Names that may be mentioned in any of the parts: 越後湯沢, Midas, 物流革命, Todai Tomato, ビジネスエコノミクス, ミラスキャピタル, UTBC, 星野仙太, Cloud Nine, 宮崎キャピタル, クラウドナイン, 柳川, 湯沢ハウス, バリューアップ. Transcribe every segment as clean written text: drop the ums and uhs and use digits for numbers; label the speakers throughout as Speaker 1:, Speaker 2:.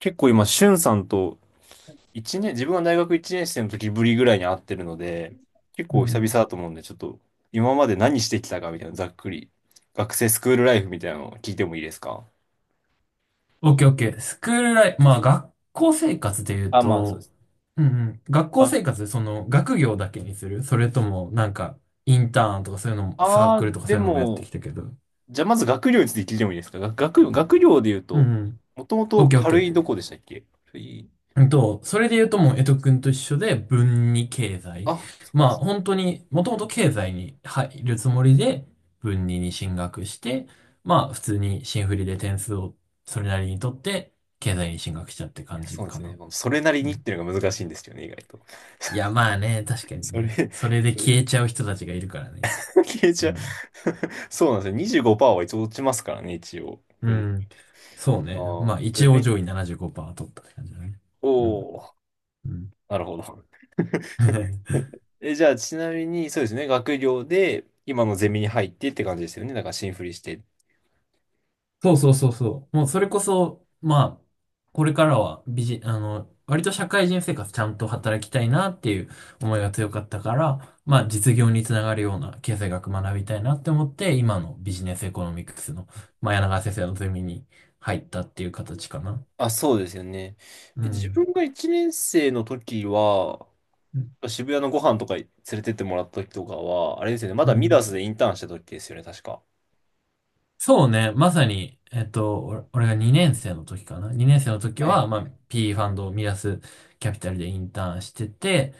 Speaker 1: 結構今、しゅんさんと一年、自分が大学1年生の時ぶりぐらいに会ってるので、結
Speaker 2: う
Speaker 1: 構久
Speaker 2: んう
Speaker 1: 々
Speaker 2: ん。
Speaker 1: だと思うんで、ちょっと今まで何してきたかみたいな、ざっくり。学生スクールライフみたいなのを聞いてもいいですか？
Speaker 2: オッケーオッケー。スクールライフ、まあ学校生活で言う
Speaker 1: あ、まあそうで
Speaker 2: と。
Speaker 1: す。
Speaker 2: うんうん。学校
Speaker 1: あ、
Speaker 2: 生活でその学業だけにする？それともなんかインターンとかそういうのも、サークルとか
Speaker 1: で
Speaker 2: そういうのもやって
Speaker 1: も、
Speaker 2: きたけど。
Speaker 1: じゃあまず学業について聞いてもいいですか？学業で言う
Speaker 2: うん
Speaker 1: と、
Speaker 2: うん。
Speaker 1: もとも
Speaker 2: オッ
Speaker 1: と
Speaker 2: ケーオッケ
Speaker 1: 軽いど
Speaker 2: ー。
Speaker 1: こでしたっけ？軽い、
Speaker 2: それで言うと、もう江戸くんと一緒で文に経済。
Speaker 1: あ、そっか。
Speaker 2: まあ本当にもともと経済に入るつもりで文に進学して、まあ普通に新振りで点数をそれなりに取って経済に進学したって
Speaker 1: い
Speaker 2: 感
Speaker 1: や、
Speaker 2: じ
Speaker 1: そうで
Speaker 2: か
Speaker 1: すね。
Speaker 2: な。
Speaker 1: まあそれなりにっていうのが難しいんですよね、意外と。
Speaker 2: いや、まあね、確かに
Speaker 1: それ、
Speaker 2: ね。それで消えちゃう人たちがいるからね。
Speaker 1: 消え
Speaker 2: う
Speaker 1: ちゃう。
Speaker 2: ん。
Speaker 1: そうなんですよ。25%は一応落ちますからね、一応。
Speaker 2: うん。そうね。
Speaker 1: あ
Speaker 2: ま
Speaker 1: あ。
Speaker 2: あ、
Speaker 1: じゃ
Speaker 2: 一
Speaker 1: あ、
Speaker 2: 応上位75%取ったって感じだね。うん。
Speaker 1: おお、
Speaker 2: うん。
Speaker 1: なるほど。え、じゃあ、ちなみに、そうですね、学業で、今のゼミに入ってって感じですよね。だから、新振りして。
Speaker 2: そうそうそうそう。もうそれこそ、まあ、これからはビジ、あの、割と社会人生活ちゃんと働きたいなっていう思いが強かったから、まあ実業につながるような経済学学びたいなって思って、今のビジネスエコノミクスの、まあ、柳川先生のゼミに入ったっていう形かな。
Speaker 1: あ、そうですよね。
Speaker 2: う
Speaker 1: え、自
Speaker 2: ん。
Speaker 1: 分が1年生の時は、
Speaker 2: うん。
Speaker 1: 渋谷のご飯とか連れてってもらった時とかは、あれですよね、ま
Speaker 2: う
Speaker 1: だミダ
Speaker 2: ん。
Speaker 1: スでインターンした時ですよね、確か。
Speaker 2: そうね、まさに、俺が2年生の時かな。2年生の時
Speaker 1: はい。
Speaker 2: は、まあ、P ファンドをミラスキャピタルでインターンしてて、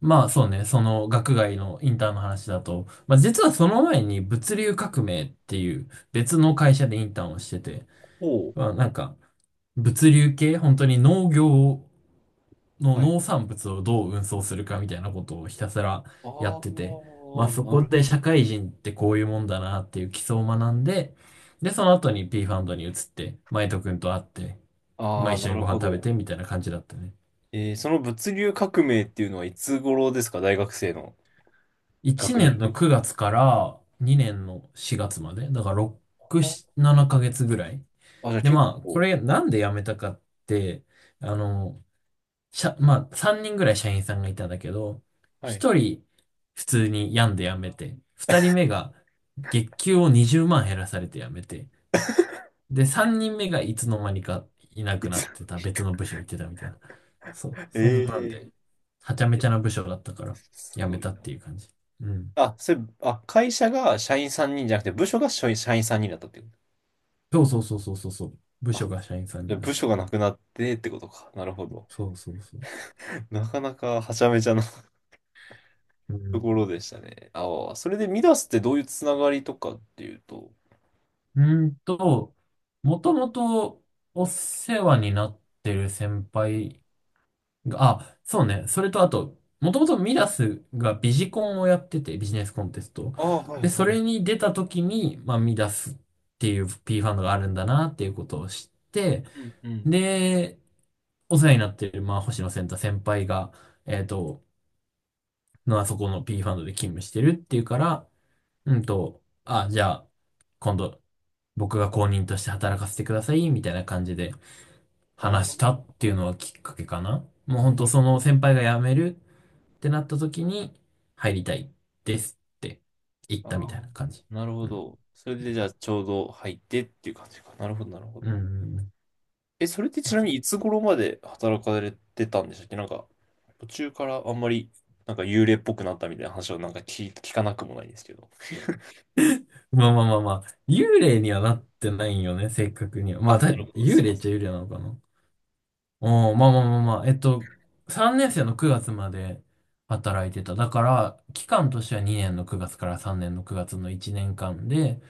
Speaker 2: まあそうね、その学外のインターンの話だと、まあ実はその前に物流革命っていう別の会社でインターンをしてて、
Speaker 1: おお。
Speaker 2: まあなんか物流系、本当に農業の
Speaker 1: はい。
Speaker 2: 農
Speaker 1: はい。
Speaker 2: 産物をどう運送するかみたいなことをひたすらやって
Speaker 1: あ
Speaker 2: て、まあ
Speaker 1: あ、
Speaker 2: そ
Speaker 1: な
Speaker 2: こ
Speaker 1: る
Speaker 2: で社会人ってこういうもんだなっていう基礎を学んで、で、その後に P ファンドに移って、マイト君と会って、まあ一
Speaker 1: な
Speaker 2: 緒に
Speaker 1: る
Speaker 2: ご飯
Speaker 1: ほ
Speaker 2: 食べ
Speaker 1: ど。
Speaker 2: てみたいな感じだったね。
Speaker 1: えー、その物流革命っていうのはいつ頃ですか？大学生の
Speaker 2: 1
Speaker 1: 学年
Speaker 2: 年
Speaker 1: で言
Speaker 2: の
Speaker 1: う
Speaker 2: 9月から2年の4月まで、だから6、
Speaker 1: と。
Speaker 2: 7ヶ月ぐらい。
Speaker 1: あ、あ、じゃあ
Speaker 2: で、
Speaker 1: 結
Speaker 2: まあこ
Speaker 1: 構、
Speaker 2: れなんで辞めたかって、あの、まあ、3人ぐらい社員さんがいたんだけど、
Speaker 1: はい。
Speaker 2: 1人普通に病んで辞めて、2人目が月給を20万減らされて辞めて、で、3人目がいつの間にかいな
Speaker 1: い
Speaker 2: くな
Speaker 1: つ、
Speaker 2: ってた、別の部署行ってたみたいな。そう、
Speaker 1: え
Speaker 2: そんなん
Speaker 1: ー、
Speaker 2: で、はちゃめち
Speaker 1: え、
Speaker 2: ゃな部署だったから
Speaker 1: す
Speaker 2: 辞め
Speaker 1: ごい
Speaker 2: たっていう感じ。うん。
Speaker 1: な。あ、それ、あ、会社が社員3人じゃなくて、部署が社員3人だったってこ
Speaker 2: そうそうそうそうそうそう。部
Speaker 1: と。
Speaker 2: 署
Speaker 1: あ、
Speaker 2: が社員さん
Speaker 1: じ
Speaker 2: に
Speaker 1: ゃあ
Speaker 2: なっ
Speaker 1: 部
Speaker 2: た。
Speaker 1: 署がなくなってってことか。なるほど。
Speaker 2: そうそうそう。
Speaker 1: なかなかはちゃめちゃな
Speaker 2: う
Speaker 1: と
Speaker 2: ん。
Speaker 1: ころでしたね。ああ、それでミダスってどういうつながりとかっていうと。
Speaker 2: うーんと、もともとお世話になってる先輩。あ、そうね。それとあと、もともとミダスがビジコンをやってて、ビジネスコンテスト。
Speaker 1: ああ、はい
Speaker 2: で、そ
Speaker 1: は
Speaker 2: れに出た時に、まあ、ミダスっていう P ファンドがあるんだなっていうことを知って、
Speaker 1: い。うんうん。
Speaker 2: で、お世話になってる、まあ、星野仙太先輩が、えっと、あそこの P ファンドで勤務してるっていうから、あ、じゃあ、今度、僕が公認として働かせてください、みたいな感じで
Speaker 1: あ
Speaker 2: 話し
Speaker 1: あ、
Speaker 2: たっていうのはきっかけかな。もう本
Speaker 1: な
Speaker 2: 当
Speaker 1: る
Speaker 2: そ
Speaker 1: ほ
Speaker 2: の
Speaker 1: ど。
Speaker 2: 先輩が辞めるってなった時に、入りたいですって言っ
Speaker 1: あ
Speaker 2: たみ
Speaker 1: あ、
Speaker 2: たいな感じ。
Speaker 1: なるほ
Speaker 2: うん。
Speaker 1: ど。それでじゃあちょうど入ってっていう感じか。なるほど、なるほ
Speaker 2: う
Speaker 1: ど。
Speaker 2: んうん。
Speaker 1: え、それってち
Speaker 2: ま
Speaker 1: な
Speaker 2: さ
Speaker 1: み
Speaker 2: に。
Speaker 1: にいつ頃まで働かれてたんでしたっけ？なんか、途中からあんまり、なんか幽霊っぽくなったみたいな話をなんか聞かなくもないんですけど。
Speaker 2: まあまあまあまあ、幽霊にはなってないよね、正確には。ま
Speaker 1: あ、
Speaker 2: あ、
Speaker 1: なるほど、す
Speaker 2: 幽
Speaker 1: い
Speaker 2: 霊
Speaker 1: ま
Speaker 2: っ
Speaker 1: せ
Speaker 2: ちゃ幽
Speaker 1: ん。
Speaker 2: 霊なのかな。おー、まあまあまあまあ、3年生の9月まで働いてた。だから、期間としては2年の9月から3年の9月の1年間で、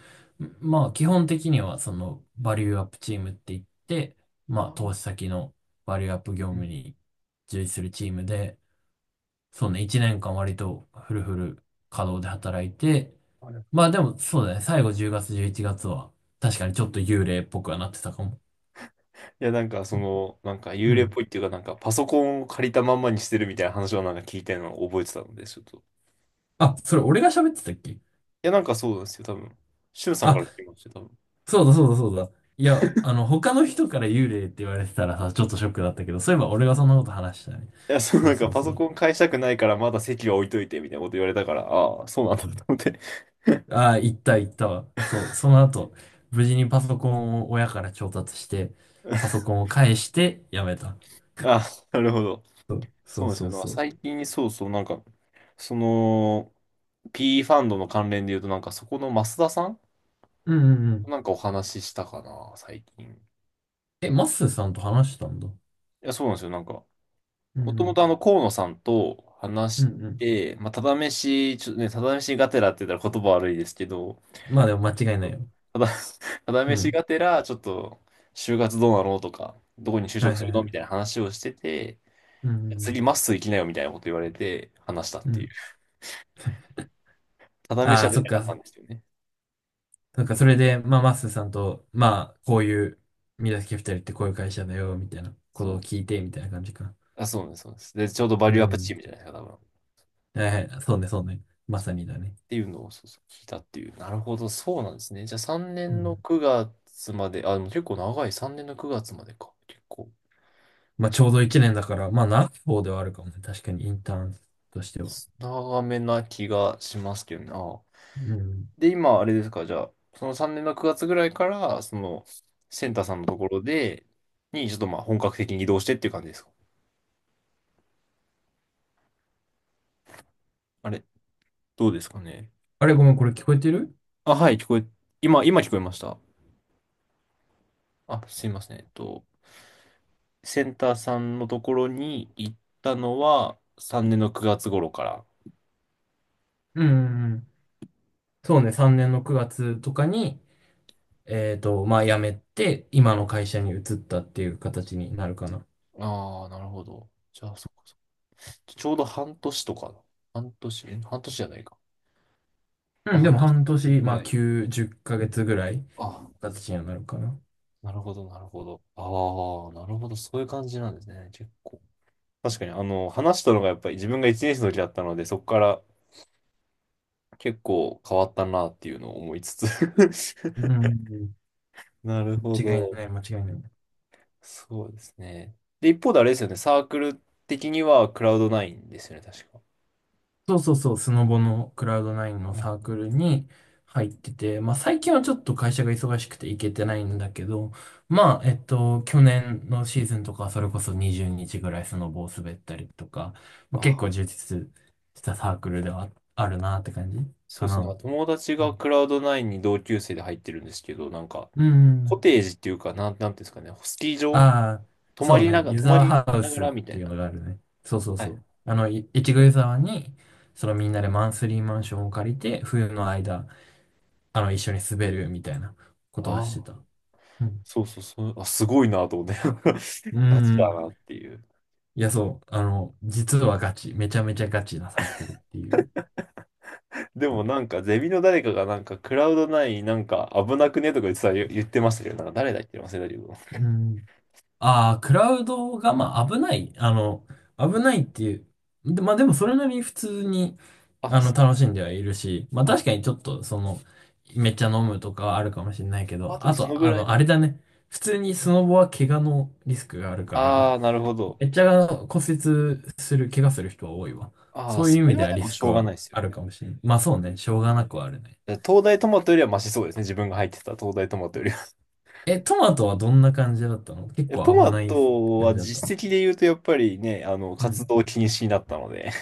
Speaker 2: まあ、基本的には、その、バリューアップチームって言って、まあ、投資
Speaker 1: あ、
Speaker 2: 先のバリューアップ業
Speaker 1: う
Speaker 2: 務
Speaker 1: ん。
Speaker 2: に従事するチームで、そうね、1年間割とフルフル稼働で働いて、
Speaker 1: あれ、い
Speaker 2: まあでもそうだね、最後10月、11月は確かにちょっと幽霊っぽくはなってたかも。
Speaker 1: や、なんかそ
Speaker 2: うん
Speaker 1: の、なんか
Speaker 2: う
Speaker 1: 幽霊っ
Speaker 2: ん。
Speaker 1: ぽいっていうか、なんかパソコンを借りたまんまにしてるみたいな話をなんか聞いたのを覚えてたので、ちょっと。い
Speaker 2: あ、それ俺が喋ってたっけ？
Speaker 1: や、なんかそうなんですよ、多分。しゅんさんから
Speaker 2: あ、
Speaker 1: 聞きました、多分。
Speaker 2: そうだそうだそうだ。いや、他の人から幽霊って言われてたらさ、ちょっとショックだったけど、そういえば俺がそんなこと話したね。
Speaker 1: いや、そう、
Speaker 2: そう
Speaker 1: なんか
Speaker 2: そう
Speaker 1: パ
Speaker 2: そ
Speaker 1: ソコ
Speaker 2: う。
Speaker 1: ン返したくないからまだ席は置いといてみたいなこと言われたから、ああ、そうなんだと思って。
Speaker 2: ああー、行った行ったわ。そう、その後、無事にパソコンを親から調達して、パソ コンを返してやめた。
Speaker 1: あ、なるほど。
Speaker 2: そ
Speaker 1: そう
Speaker 2: う
Speaker 1: なんです
Speaker 2: そうそ
Speaker 1: よ。
Speaker 2: う
Speaker 1: なんか
Speaker 2: そう。
Speaker 1: 最近、そうそう、なんか、その、P ファンドの関連で言うと、なんかそこの増田さん
Speaker 2: うんうん。
Speaker 1: なんかお話ししたかな、最近。い
Speaker 2: え、マッスーさんと話したんだ。
Speaker 1: や、そうなんですよ。なんか、
Speaker 2: う
Speaker 1: もとも
Speaker 2: ん。
Speaker 1: とあの、河野さんと
Speaker 2: う
Speaker 1: 話
Speaker 2: んう
Speaker 1: し
Speaker 2: ん。
Speaker 1: て、まあ、ただ飯、ちょっとね、ただ飯がてらって言ったら言葉悪いですけど、
Speaker 2: まあでも間
Speaker 1: ちょっ
Speaker 2: 違いない
Speaker 1: と
Speaker 2: よ。
Speaker 1: ただ、ただ
Speaker 2: う
Speaker 1: 飯
Speaker 2: ん。
Speaker 1: がてら、ちょっと、就活どうなのとか、どこに就
Speaker 2: はい
Speaker 1: 職
Speaker 2: は
Speaker 1: する
Speaker 2: いは
Speaker 1: のみた
Speaker 2: い。
Speaker 1: いな話をしてて、
Speaker 2: うん。
Speaker 1: 次まっすー行きなよみたいなこと言われて、話したっ
Speaker 2: う
Speaker 1: ていう。
Speaker 2: ん。
Speaker 1: ただ飯
Speaker 2: あ
Speaker 1: は
Speaker 2: あ、
Speaker 1: 出
Speaker 2: そっ
Speaker 1: なかったん
Speaker 2: か。
Speaker 1: ですよね。
Speaker 2: そっか、それで、まあ、マッスーさんと、まあ、こういう、宮崎キャピタルってこういう会社だよ、みたいなこ
Speaker 1: そ
Speaker 2: とを聞
Speaker 1: う。
Speaker 2: いて、みたいな感じか。
Speaker 1: あ、そうです、そうです。で、ちょうどバ
Speaker 2: う
Speaker 1: リューアップチ
Speaker 2: ん。
Speaker 1: ームじゃないですか、多分。っ
Speaker 2: はいはい。そうね、そうね。まさにだね。
Speaker 1: ていうのを、そうそう、聞いたっていう。なるほど、そうなんですね。じゃあ3
Speaker 2: う
Speaker 1: 年の
Speaker 2: ん。
Speaker 1: 9月まで、あ、でも結構長い、3年の9月までか。結構、
Speaker 2: まあ、ち
Speaker 1: 確
Speaker 2: ょ
Speaker 1: か
Speaker 2: う
Speaker 1: に。
Speaker 2: ど一年だから、まあ、長い方ではあるかもね。確かに、インターンとしては。
Speaker 1: 長めな気がしますけどね。ああ、
Speaker 2: うん。
Speaker 1: で、今、あれですか、じゃあ、その3年の9月ぐらいから、その、センターさんのところで、に、ちょっとまあ、本格的に移動してっていう感じですか？あれ、どうですかね。
Speaker 2: あれ、ごめん、これ聞こえてる？
Speaker 1: あ、はい、聞こえ、今、今聞こえました。あ、すいません。えっと、センターさんのところに行ったのは、3年の9月頃から。
Speaker 2: うんうんうん。そうね、3年の9月とかに、まあ辞めて、今の会社に移ったっていう形になるかな。
Speaker 1: ああ、なるほど。じゃあ、そっかそっか。ちょうど半年とか。半年、え、半年じゃないか。ま
Speaker 2: う
Speaker 1: あ、
Speaker 2: ん、で
Speaker 1: 半
Speaker 2: も
Speaker 1: 年
Speaker 2: 半年、
Speaker 1: ぐ
Speaker 2: ま
Speaker 1: ら
Speaker 2: あ
Speaker 1: い。
Speaker 2: 9、10ヶ月ぐらい、
Speaker 1: あ、
Speaker 2: 形にはなるかな。
Speaker 1: なるほど、なるほど。ああ、なるほど。そういう感じなんですね。結構。確かに、あの、話したのがやっぱり自分が1年生の時だったので、そこから結構変わったなっていうのを思いつつ
Speaker 2: うん、
Speaker 1: なるほ
Speaker 2: 間違い
Speaker 1: ど。
Speaker 2: ない、間違いない。
Speaker 1: そうですね。で、一方であれですよね。サークル的にはクラウドナインですよね、確か。
Speaker 2: そうそうそう、スノボのクラウドナインの
Speaker 1: はい、
Speaker 2: サークルに入ってて、まあ最近はちょっと会社が忙しくて行けてないんだけど、まあ、去年のシーズンとかはそれこそ20日ぐらいスノボを滑ったりとか、まあ、結
Speaker 1: あ、
Speaker 2: 構充実したサークルではああるなって感じ
Speaker 1: そう
Speaker 2: か
Speaker 1: ですね。なん
Speaker 2: な。
Speaker 1: か友達がクラウドナインに同級生で入ってるんですけど、なんか、
Speaker 2: う
Speaker 1: コ
Speaker 2: ん。
Speaker 1: テージっていうか、なん、なんていうんですかね。スキー場
Speaker 2: ああ、
Speaker 1: 泊ま
Speaker 2: そう
Speaker 1: りな
Speaker 2: ね。
Speaker 1: がら、
Speaker 2: 湯
Speaker 1: 泊ま
Speaker 2: 沢
Speaker 1: り
Speaker 2: ハウ
Speaker 1: なが
Speaker 2: スっ
Speaker 1: らみた
Speaker 2: て
Speaker 1: い
Speaker 2: いう
Speaker 1: な。
Speaker 2: のがあるね。そうそう
Speaker 1: は
Speaker 2: そ
Speaker 1: い、
Speaker 2: う。越後湯沢に、そのみんなでマンスリーマンションを借りて、冬の間、一緒に滑るみたいなことはして
Speaker 1: あ
Speaker 2: た。
Speaker 1: あ、
Speaker 2: うん。
Speaker 1: そうそうそう、あ、すごいなと思って、
Speaker 2: うん
Speaker 1: ガチ
Speaker 2: う
Speaker 1: だ
Speaker 2: ん。
Speaker 1: なっていう。
Speaker 2: いや、そう。実はガチ。めちゃめちゃガチなサークルっていう。
Speaker 1: で
Speaker 2: そ
Speaker 1: も
Speaker 2: う。
Speaker 1: なんか、ゼミの誰かがなんか、クラウド内なんか危なくねとか言ってましたけど、なんか誰だっけ忘れたけど。
Speaker 2: うん。ああ、クラウドが、まあ、危ない。危ないっていう。で、まあ、でもそれなりに普通に、
Speaker 1: あ、そう、
Speaker 2: 楽しんではいるし、まあ
Speaker 1: あ、
Speaker 2: 確かにちょっと、めっちゃ飲むとかはあるかもしれないけ
Speaker 1: あ、
Speaker 2: ど、
Speaker 1: でも
Speaker 2: あ
Speaker 1: その
Speaker 2: と、
Speaker 1: ぐらい
Speaker 2: あ
Speaker 1: の。
Speaker 2: れだね。普通にスノボは怪我のリスクがあるから、
Speaker 1: ああ、なるほど。
Speaker 2: めっちゃ骨折する、怪我する人は多いわ。
Speaker 1: ああ、
Speaker 2: そういう
Speaker 1: そ
Speaker 2: 意
Speaker 1: れ
Speaker 2: 味で
Speaker 1: は
Speaker 2: は
Speaker 1: で
Speaker 2: リ
Speaker 1: も
Speaker 2: ス
Speaker 1: し
Speaker 2: ク
Speaker 1: ょうがな
Speaker 2: は
Speaker 1: いですよ
Speaker 2: あ
Speaker 1: ね。
Speaker 2: るかもしれない。まあそうね、しょうがなくはあるね。
Speaker 1: 東大トマトよりはマシそうですね。自分が入ってた東大トマトよりは。
Speaker 2: え、トマトはどんな感じだったの？ 結
Speaker 1: いや、ト
Speaker 2: 構危
Speaker 1: マ
Speaker 2: ない
Speaker 1: ト
Speaker 2: 感
Speaker 1: は
Speaker 2: じだった
Speaker 1: 実
Speaker 2: の？
Speaker 1: 績で言うと、やっぱりね、あの、
Speaker 2: う
Speaker 1: 活
Speaker 2: ん。
Speaker 1: 動禁止になったので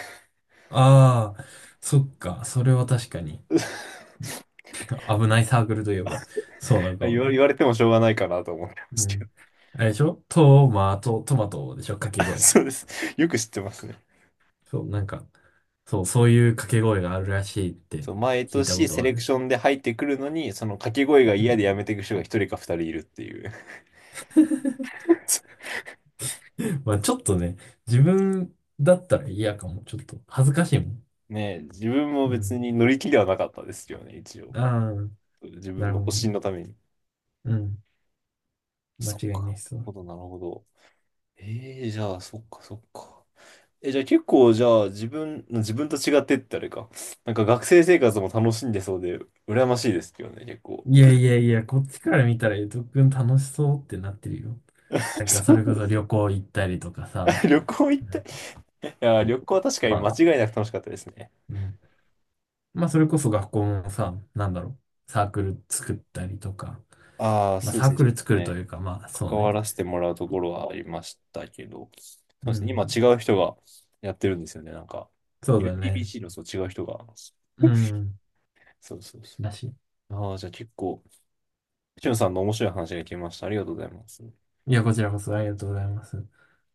Speaker 2: ああ、そっか、それは確かに。危ないサークルといえば、そうなのかもね。
Speaker 1: 言われてもしょうがないかなと思ってま
Speaker 2: う
Speaker 1: すけど。
Speaker 2: ん。あれでしょ？トマト。トマトでしょ、掛け 声。
Speaker 1: そうです。よく知ってますね。
Speaker 2: そう、なんか、そう、そういう掛け声があるらしいって
Speaker 1: そう、毎
Speaker 2: 聞いたこ
Speaker 1: 年
Speaker 2: と
Speaker 1: セ
Speaker 2: はあ
Speaker 1: レクシ
Speaker 2: る。
Speaker 1: ョンで入ってくるのに、その掛け声が
Speaker 2: う
Speaker 1: 嫌
Speaker 2: ん。
Speaker 1: でやめていく人が一人か二人いるっていう。
Speaker 2: まあちょっとね、自分だったら嫌かも。ちょっと恥ずかしいもん。
Speaker 1: ねえ、自分も
Speaker 2: う
Speaker 1: 別
Speaker 2: ん。
Speaker 1: に乗り気ではなかったですよね、一応。
Speaker 2: ああ、
Speaker 1: 自
Speaker 2: な
Speaker 1: 分
Speaker 2: る
Speaker 1: の
Speaker 2: ほど
Speaker 1: 保
Speaker 2: ね。
Speaker 1: 身のために。
Speaker 2: うん。間
Speaker 1: そっ
Speaker 2: 違いな
Speaker 1: か。
Speaker 2: い。そ
Speaker 1: なる
Speaker 2: う。
Speaker 1: ほど、なるほど。ええ、じゃあ、そっか、そっか。え、じゃあ結構、じゃあ、自分と違ってってあれか。なんか学生生活も楽しんでそうで、羨ましいですけどね、結構。
Speaker 2: いやいやいや、こっちから見たらゆとくん楽しそうってなってるよ。なんかそ
Speaker 1: そ
Speaker 2: れこ
Speaker 1: うで
Speaker 2: そ
Speaker 1: す、
Speaker 2: 旅行行ったりとか
Speaker 1: あ
Speaker 2: さ、
Speaker 1: 旅行行っ
Speaker 2: な
Speaker 1: た。い
Speaker 2: んか、
Speaker 1: や、
Speaker 2: そう。
Speaker 1: 旅行は確かに
Speaker 2: ま
Speaker 1: 間
Speaker 2: あ、
Speaker 1: 違いなく楽しかったですね。
Speaker 2: うん。まあ、それこそ学校もさ、なんだろう、サークル作ったりとか、
Speaker 1: ああ、
Speaker 2: まあ、
Speaker 1: そうで
Speaker 2: サー
Speaker 1: すね。
Speaker 2: ク
Speaker 1: ちょっ
Speaker 2: ル
Speaker 1: と
Speaker 2: 作ると
Speaker 1: ね、
Speaker 2: いうか、まあ、そう
Speaker 1: 関
Speaker 2: ね。
Speaker 1: わらせてもらうところはありましたけど、そう
Speaker 2: う
Speaker 1: ですね、今違
Speaker 2: ん。
Speaker 1: う人がやってるんですよね、なんか。
Speaker 2: そうだね。
Speaker 1: UTBC のそう違う人が。
Speaker 2: う ん。
Speaker 1: そうそうそ
Speaker 2: だし。
Speaker 1: う。ああ、じゃあ結構、しゅんさんの面白い話が聞けました。ありがとうございます。
Speaker 2: いや、こちらこそありがとうございます。